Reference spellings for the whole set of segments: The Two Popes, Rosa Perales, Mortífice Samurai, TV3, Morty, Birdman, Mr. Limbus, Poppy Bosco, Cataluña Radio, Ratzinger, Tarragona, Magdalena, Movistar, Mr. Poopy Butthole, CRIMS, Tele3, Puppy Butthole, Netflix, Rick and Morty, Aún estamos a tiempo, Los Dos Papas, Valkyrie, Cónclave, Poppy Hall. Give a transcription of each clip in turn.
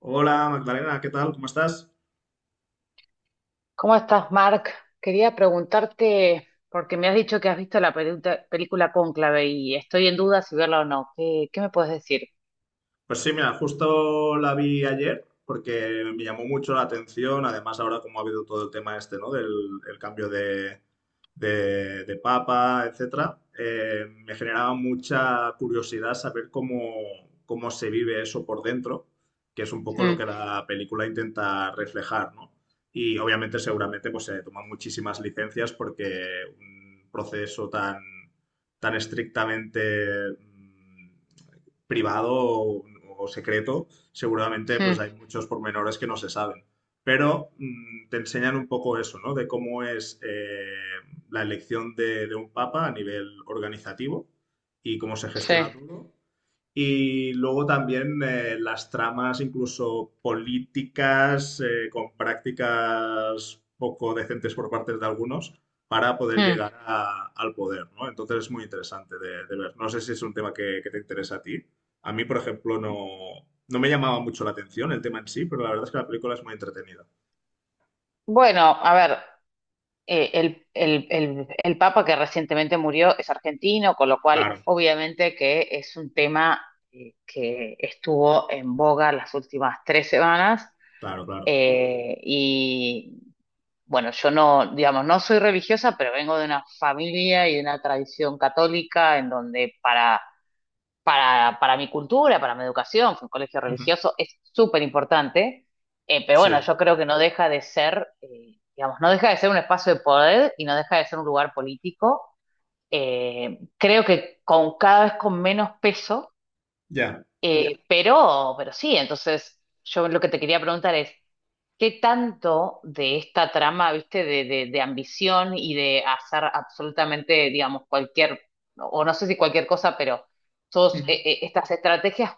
Hola Magdalena, ¿qué tal? ¿Cómo estás? ¿Cómo estás, Mark? Quería preguntarte, porque me has dicho que has visto la película Cónclave y estoy en duda si verla o no. ¿Qué me puedes decir? Pues sí, mira, justo la vi ayer porque me llamó mucho la atención, además ahora como ha habido todo el tema este, ¿no? Del el cambio de papa, etcétera, me generaba mucha curiosidad saber cómo, cómo se vive eso por dentro, que es un poco lo que Mm. la película intenta reflejar, ¿no? Y obviamente seguramente pues se toman muchísimas licencias porque un proceso tan, tan estrictamente privado o secreto, seguramente pues Mm. hay muchos pormenores que no se saben. Pero te enseñan un poco eso, ¿no? De cómo es la elección de un papa a nivel organizativo y cómo se Sí. gestiona todo y luego también las tramas incluso políticas con prácticas poco decentes por parte de algunos para poder Mm. llegar al poder, ¿no? Entonces es muy interesante de ver. No sé si es un tema que te interesa a ti. A mí, por ejemplo, no, no me llamaba mucho la atención el tema en sí, pero la verdad es que la película es muy entretenida. Bueno, a ver, el Papa que recientemente murió es argentino, con lo cual Claro, obviamente que es un tema que estuvo en boga las últimas 3 semanas. claro, claro. Y bueno, yo no, digamos, no soy religiosa, pero vengo de una familia y de una tradición católica en donde para mi cultura, para mi educación, fue un colegio Ujú. religioso, es súper importante, pero bueno, Sí, yo creo que no deja de ser, digamos, no deja de ser un espacio de poder y no deja de ser un lugar político. Creo que con cada vez con menos peso ya. ya. Pero sí, entonces yo lo que te quería preguntar es, ¿qué tanto de esta trama, viste, de ambición y de hacer absolutamente, digamos, cualquier, o no sé si cualquier cosa, pero todas estas estrategias,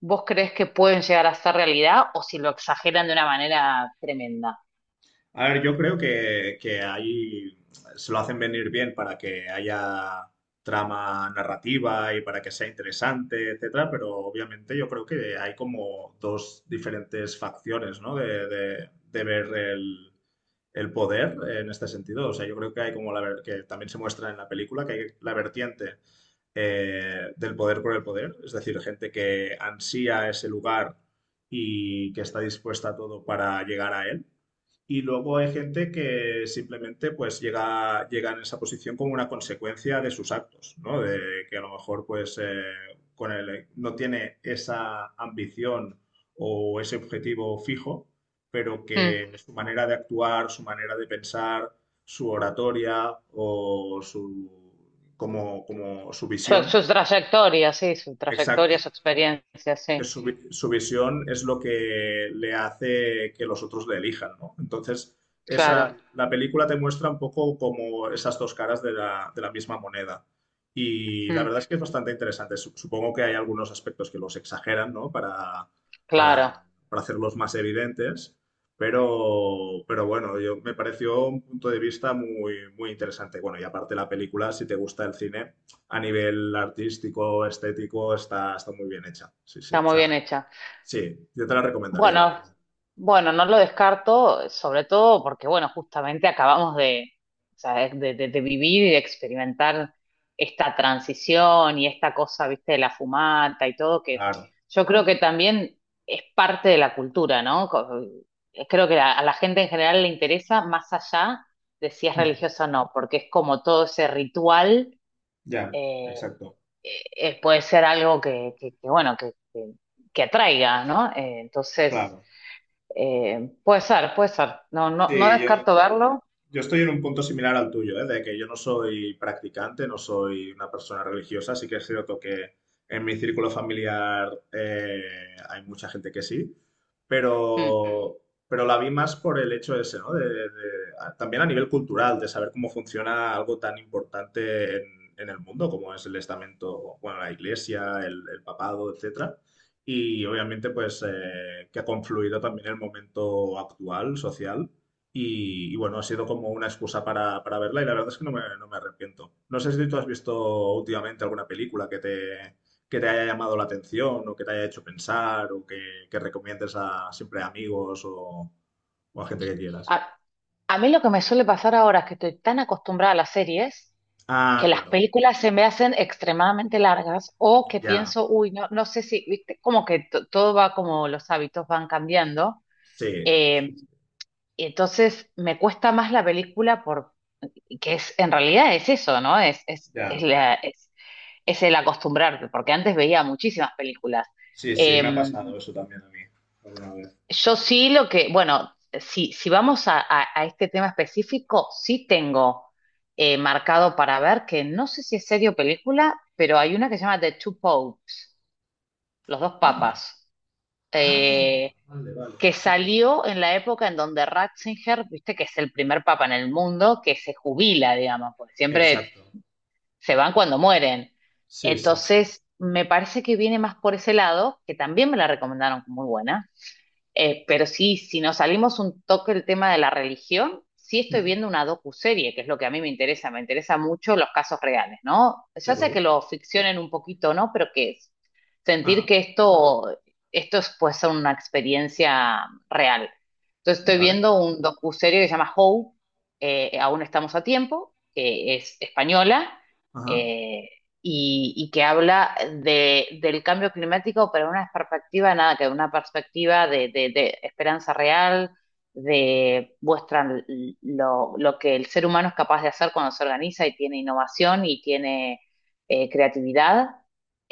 ¿vos crees que pueden llegar a ser realidad o si lo exageran de una manera tremenda? A ver, yo creo que ahí se lo hacen venir bien para que haya trama narrativa y para que sea interesante, etcétera, pero obviamente yo creo que hay como dos diferentes facciones, ¿no? De ver el poder en este sentido. O sea, yo creo que hay como que también se muestra en la película que hay la vertiente del poder por el poder, es decir, gente que ansía ese lugar y que está dispuesta a todo para llegar a él. Y luego hay gente que simplemente pues llega, llega en esa posición como una consecuencia de sus actos, ¿no? De que a lo mejor pues no tiene esa ambición o ese objetivo fijo, pero Mm. que su manera de actuar, su manera de pensar, su oratoria o su, como, como su Su, visión, su trayectoria, sí, su trayectoria, exacto, su experiencia, que sí, su visión es lo que le hace que los otros le elijan, ¿no? Entonces, claro. esa, la película te muestra un poco como esas dos caras de la misma moneda. Y la Mm. verdad es que es bastante interesante. Supongo que hay algunos aspectos que los exageran, ¿no? Claro, para, para hacerlos más evidentes. Pero bueno, yo, me pareció un punto de vista muy, muy interesante. Bueno, y aparte la película, si te gusta el cine, a nivel artístico, estético, está, está muy bien hecha. Sí, sí. está O muy bien sea, hecha. sí, yo te la recomendaría, la Bueno, verdad. bueno, no lo descarto, sobre todo porque, bueno, justamente acabamos de, o sea, de vivir y de experimentar esta transición y esta cosa, viste, de la fumata y todo, que Claro. yo creo que también es parte de la cultura, ¿no? Creo que a la gente en general le interesa más allá de si es religiosa o no, porque es como todo ese ritual, Ya, eh, exacto. Puede ser algo que, bueno, que atraiga, ¿no? Entonces. Claro. Puede ser, puede ser. No, no, no Sí, yo, descarto verlo. Yo estoy en un punto similar al tuyo, ¿eh? De que yo no soy practicante, no soy una persona religiosa, sí que es cierto que en mi círculo familiar hay mucha gente que sí, Mm. pero, pero la vi más por el hecho ese, ¿no? También a nivel cultural, de saber cómo funciona algo tan importante en el mundo como es el estamento, bueno, la iglesia, el papado, etcétera. Y obviamente, pues, que ha confluido también el momento actual, social y bueno, ha sido como una excusa para verla y la verdad es que no me, no me arrepiento. No sé si tú has visto últimamente alguna película que te haya llamado la atención o que te haya hecho pensar o que recomiendes a siempre a amigos o a gente que quieras. A, a mí lo que me suele pasar ahora es que estoy tan acostumbrada a las series Ah, que las claro, películas se me hacen extremadamente largas o que ya, pienso, uy, no, no sé si, viste, como que todo va como los hábitos van cambiando. sí, Eh, y entonces me cuesta más la película por, que es, en realidad es eso, ¿no? Es, es, es, ya. la- es, es el acostumbrarte, porque antes veía muchísimas películas. Sí, sí, me ha Em, pasado eso también a mí alguna vez. Yo sí lo que, bueno, si vamos a, a este tema específico, sí tengo marcado para ver que no sé si es serie o película, pero hay una que se llama The Two Popes, Los Dos Ah, Papas, ah, eh, vale, vale. que salió en la época en donde Ratzinger, viste que es el primer papa en el mundo que se jubila, digamos, porque siempre Exacto. se van cuando mueren. Sí, sí, sí. Entonces, me parece que viene más por ese lado, que también me la recomendaron como muy buena. Pero sí, si nos salimos un toque del tema de la religión, sí estoy Ujú, viendo una docuserie, que es lo que a mí me interesa mucho los casos reales, ¿no? ¿de Ya sea acuerdo? que lo ficcionen un poquito, ¿no? Pero que es sentir Ajá, que esto es pues una experiencia real. Entonces estoy vale, viendo un docuserie que se llama Aún estamos a tiempo, que es española, ajá, eh, y que habla de, del cambio climático, pero en una perspectiva, nada, que una perspectiva de esperanza real, de muestran lo que el ser humano es capaz de hacer cuando se organiza y tiene innovación y tiene creatividad.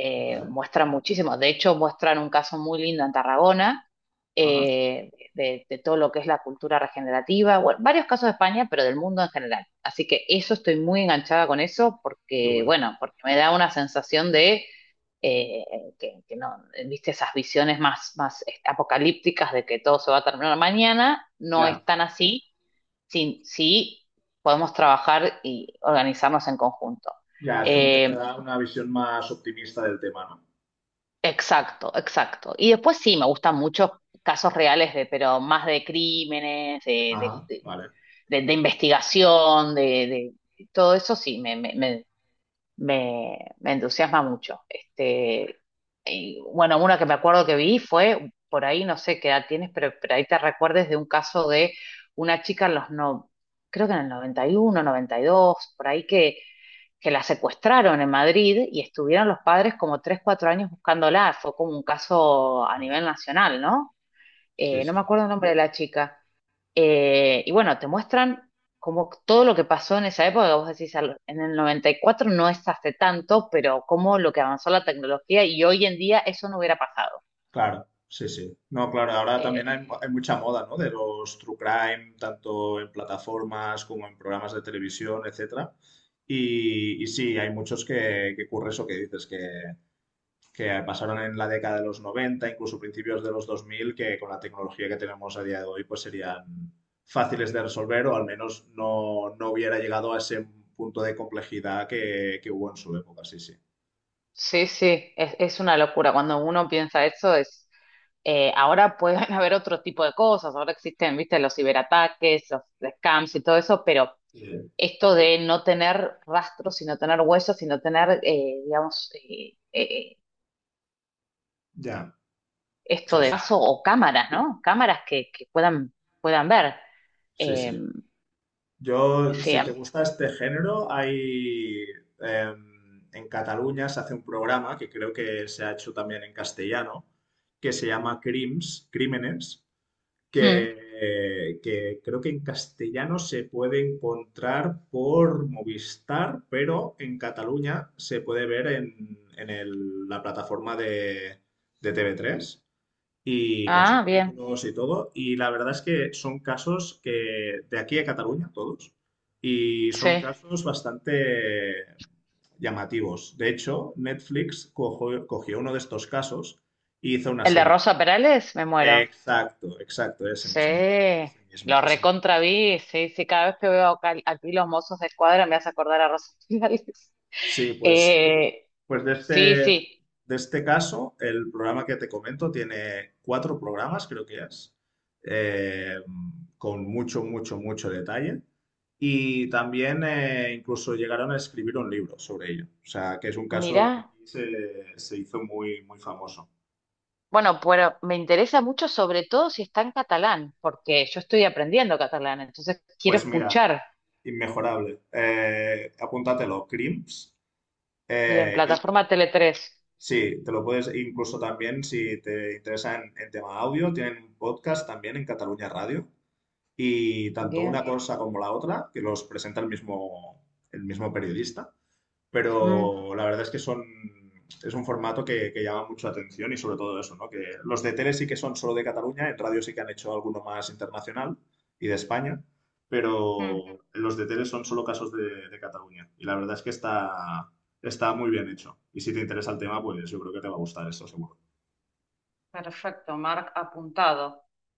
Eh, vale, muestran muchísimo, de hecho muestran un caso muy lindo en Tarragona, ajá, eh, de todo lo que es la cultura regenerativa, bueno, varios casos de España, pero del mundo en general. Así que eso estoy muy enganchada con eso qué porque, bueno. bueno, porque me da una sensación de eh, que no, viste, esas visiones más, más apocalípticas de que todo se va a terminar mañana, no es Ya, tan así si, si podemos trabajar y organizarnos en conjunto. ya, es como que te Eh, da una visión más optimista del tema, ¿no? exacto, exacto. Y después sí, me gustan muchos casos reales, pero más de crímenes, de, Ajá, vale. de, de investigación, todo eso sí, me entusiasma mucho. Este, y, bueno, una que me acuerdo que vi fue, por ahí no sé qué edad tienes, pero ahí te recuerdes de un caso de una chica en los no, creo que en el 90 91 92 por ahí que la secuestraron en Madrid y estuvieron los padres como 3 4 años buscándola. Fue como un caso a No, nivel nacional, ¿no? sí, No me sí. acuerdo el nombre de la chica. Y bueno, te muestran como todo lo que pasó en esa época, vos decís, en el 94 no es hace tanto, pero como lo que avanzó la tecnología y hoy en día eso no hubiera pasado. Claro, sí, sí. No, claro, ahora también Eh, hay mucha moda, ¿no? De los true crime, tanto en plataformas como en programas de televisión, etcétera. Y sí, hay muchos que ocurre eso que dices, que pasaron en la década de los 90, incluso principios de los 2000, que con la tecnología que tenemos a día de hoy pues serían fáciles de resolver o al menos no, no hubiera llegado a ese punto de complejidad que hubo en su época, sí, sí. sí, sí, es una locura. Cuando uno piensa eso es, ahora pueden haber otro tipo de cosas, ahora existen, viste, los ciberataques, los scams y todo eso, pero Eh, esto de no tener rastros, sino tener huesos, sino tener, digamos, ya, esto sí, de sí, vaso o cámaras, ¿no? Cámaras que puedan ver. sí, Eh, sí. Yo, sí. si te gusta este género, hay... en Cataluña se hace un programa que creo que se ha hecho también en castellano, que se llama Crims, Crímenes, Mm. Que creo que en castellano se puede encontrar por Movistar, pero en Cataluña se puede ver en, la plataforma de TV3 y con Ah, bien. subtítulos y todo. Y la verdad es que son casos que de aquí a Cataluña, todos, y son Sí. casos bastante llamativos. De hecho, Netflix cogió uno de estos casos y hizo una El de serie. Rosa Perales, me muero. Exacto, exacto, ese mismo, Sí. ese mismo, Lo ese mismo. recontra vi. Sí, sí. Cada vez que veo aquí los mozos de escuadra me hace acordar a Rosa Perales. Sí, pues, Eh, pues sí, sí. de este caso, el programa que te comento tiene cuatro programas, creo que es, eh, con mucho, mucho, mucho detalle. Y también incluso llegaron a escribir un libro sobre ello. O sea, que es un caso que Mirá. aquí se, se hizo muy, muy famoso. Bueno, pero me interesa mucho, sobre todo si está en catalán, porque yo estoy aprendiendo catalán, entonces quiero Pues mira, escuchar. inmejorable. Apúntatelo, CRIMS. Bien, eh, plataforma Tele3. Sí, te lo puedes, incluso también si te interesa en tema audio, tienen un podcast también en Cataluña Radio y tanto una Bien. cosa como la otra, que los presenta el mismo periodista, Mm. pero la verdad es que son, es un formato que llama mucho la atención y sobre todo eso, ¿no? Que los de tele sí que son solo de Cataluña, en radio sí que han hecho alguno más internacional y de España, Mm, pero los de tele son solo casos de Cataluña y la verdad es que está, está muy bien hecho. Y si te interesa el tema, pues yo creo que te va a gustar esto seguro. perfecto, Mark apuntado.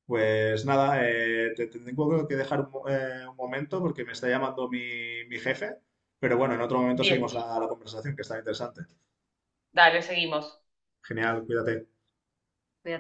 Pues nada, te, te tengo que dejar un, un momento porque me está llamando mi, mi jefe, pero bueno, en otro momento Bien, seguimos la conversación que está interesante. dale vos. Genial, cuídate.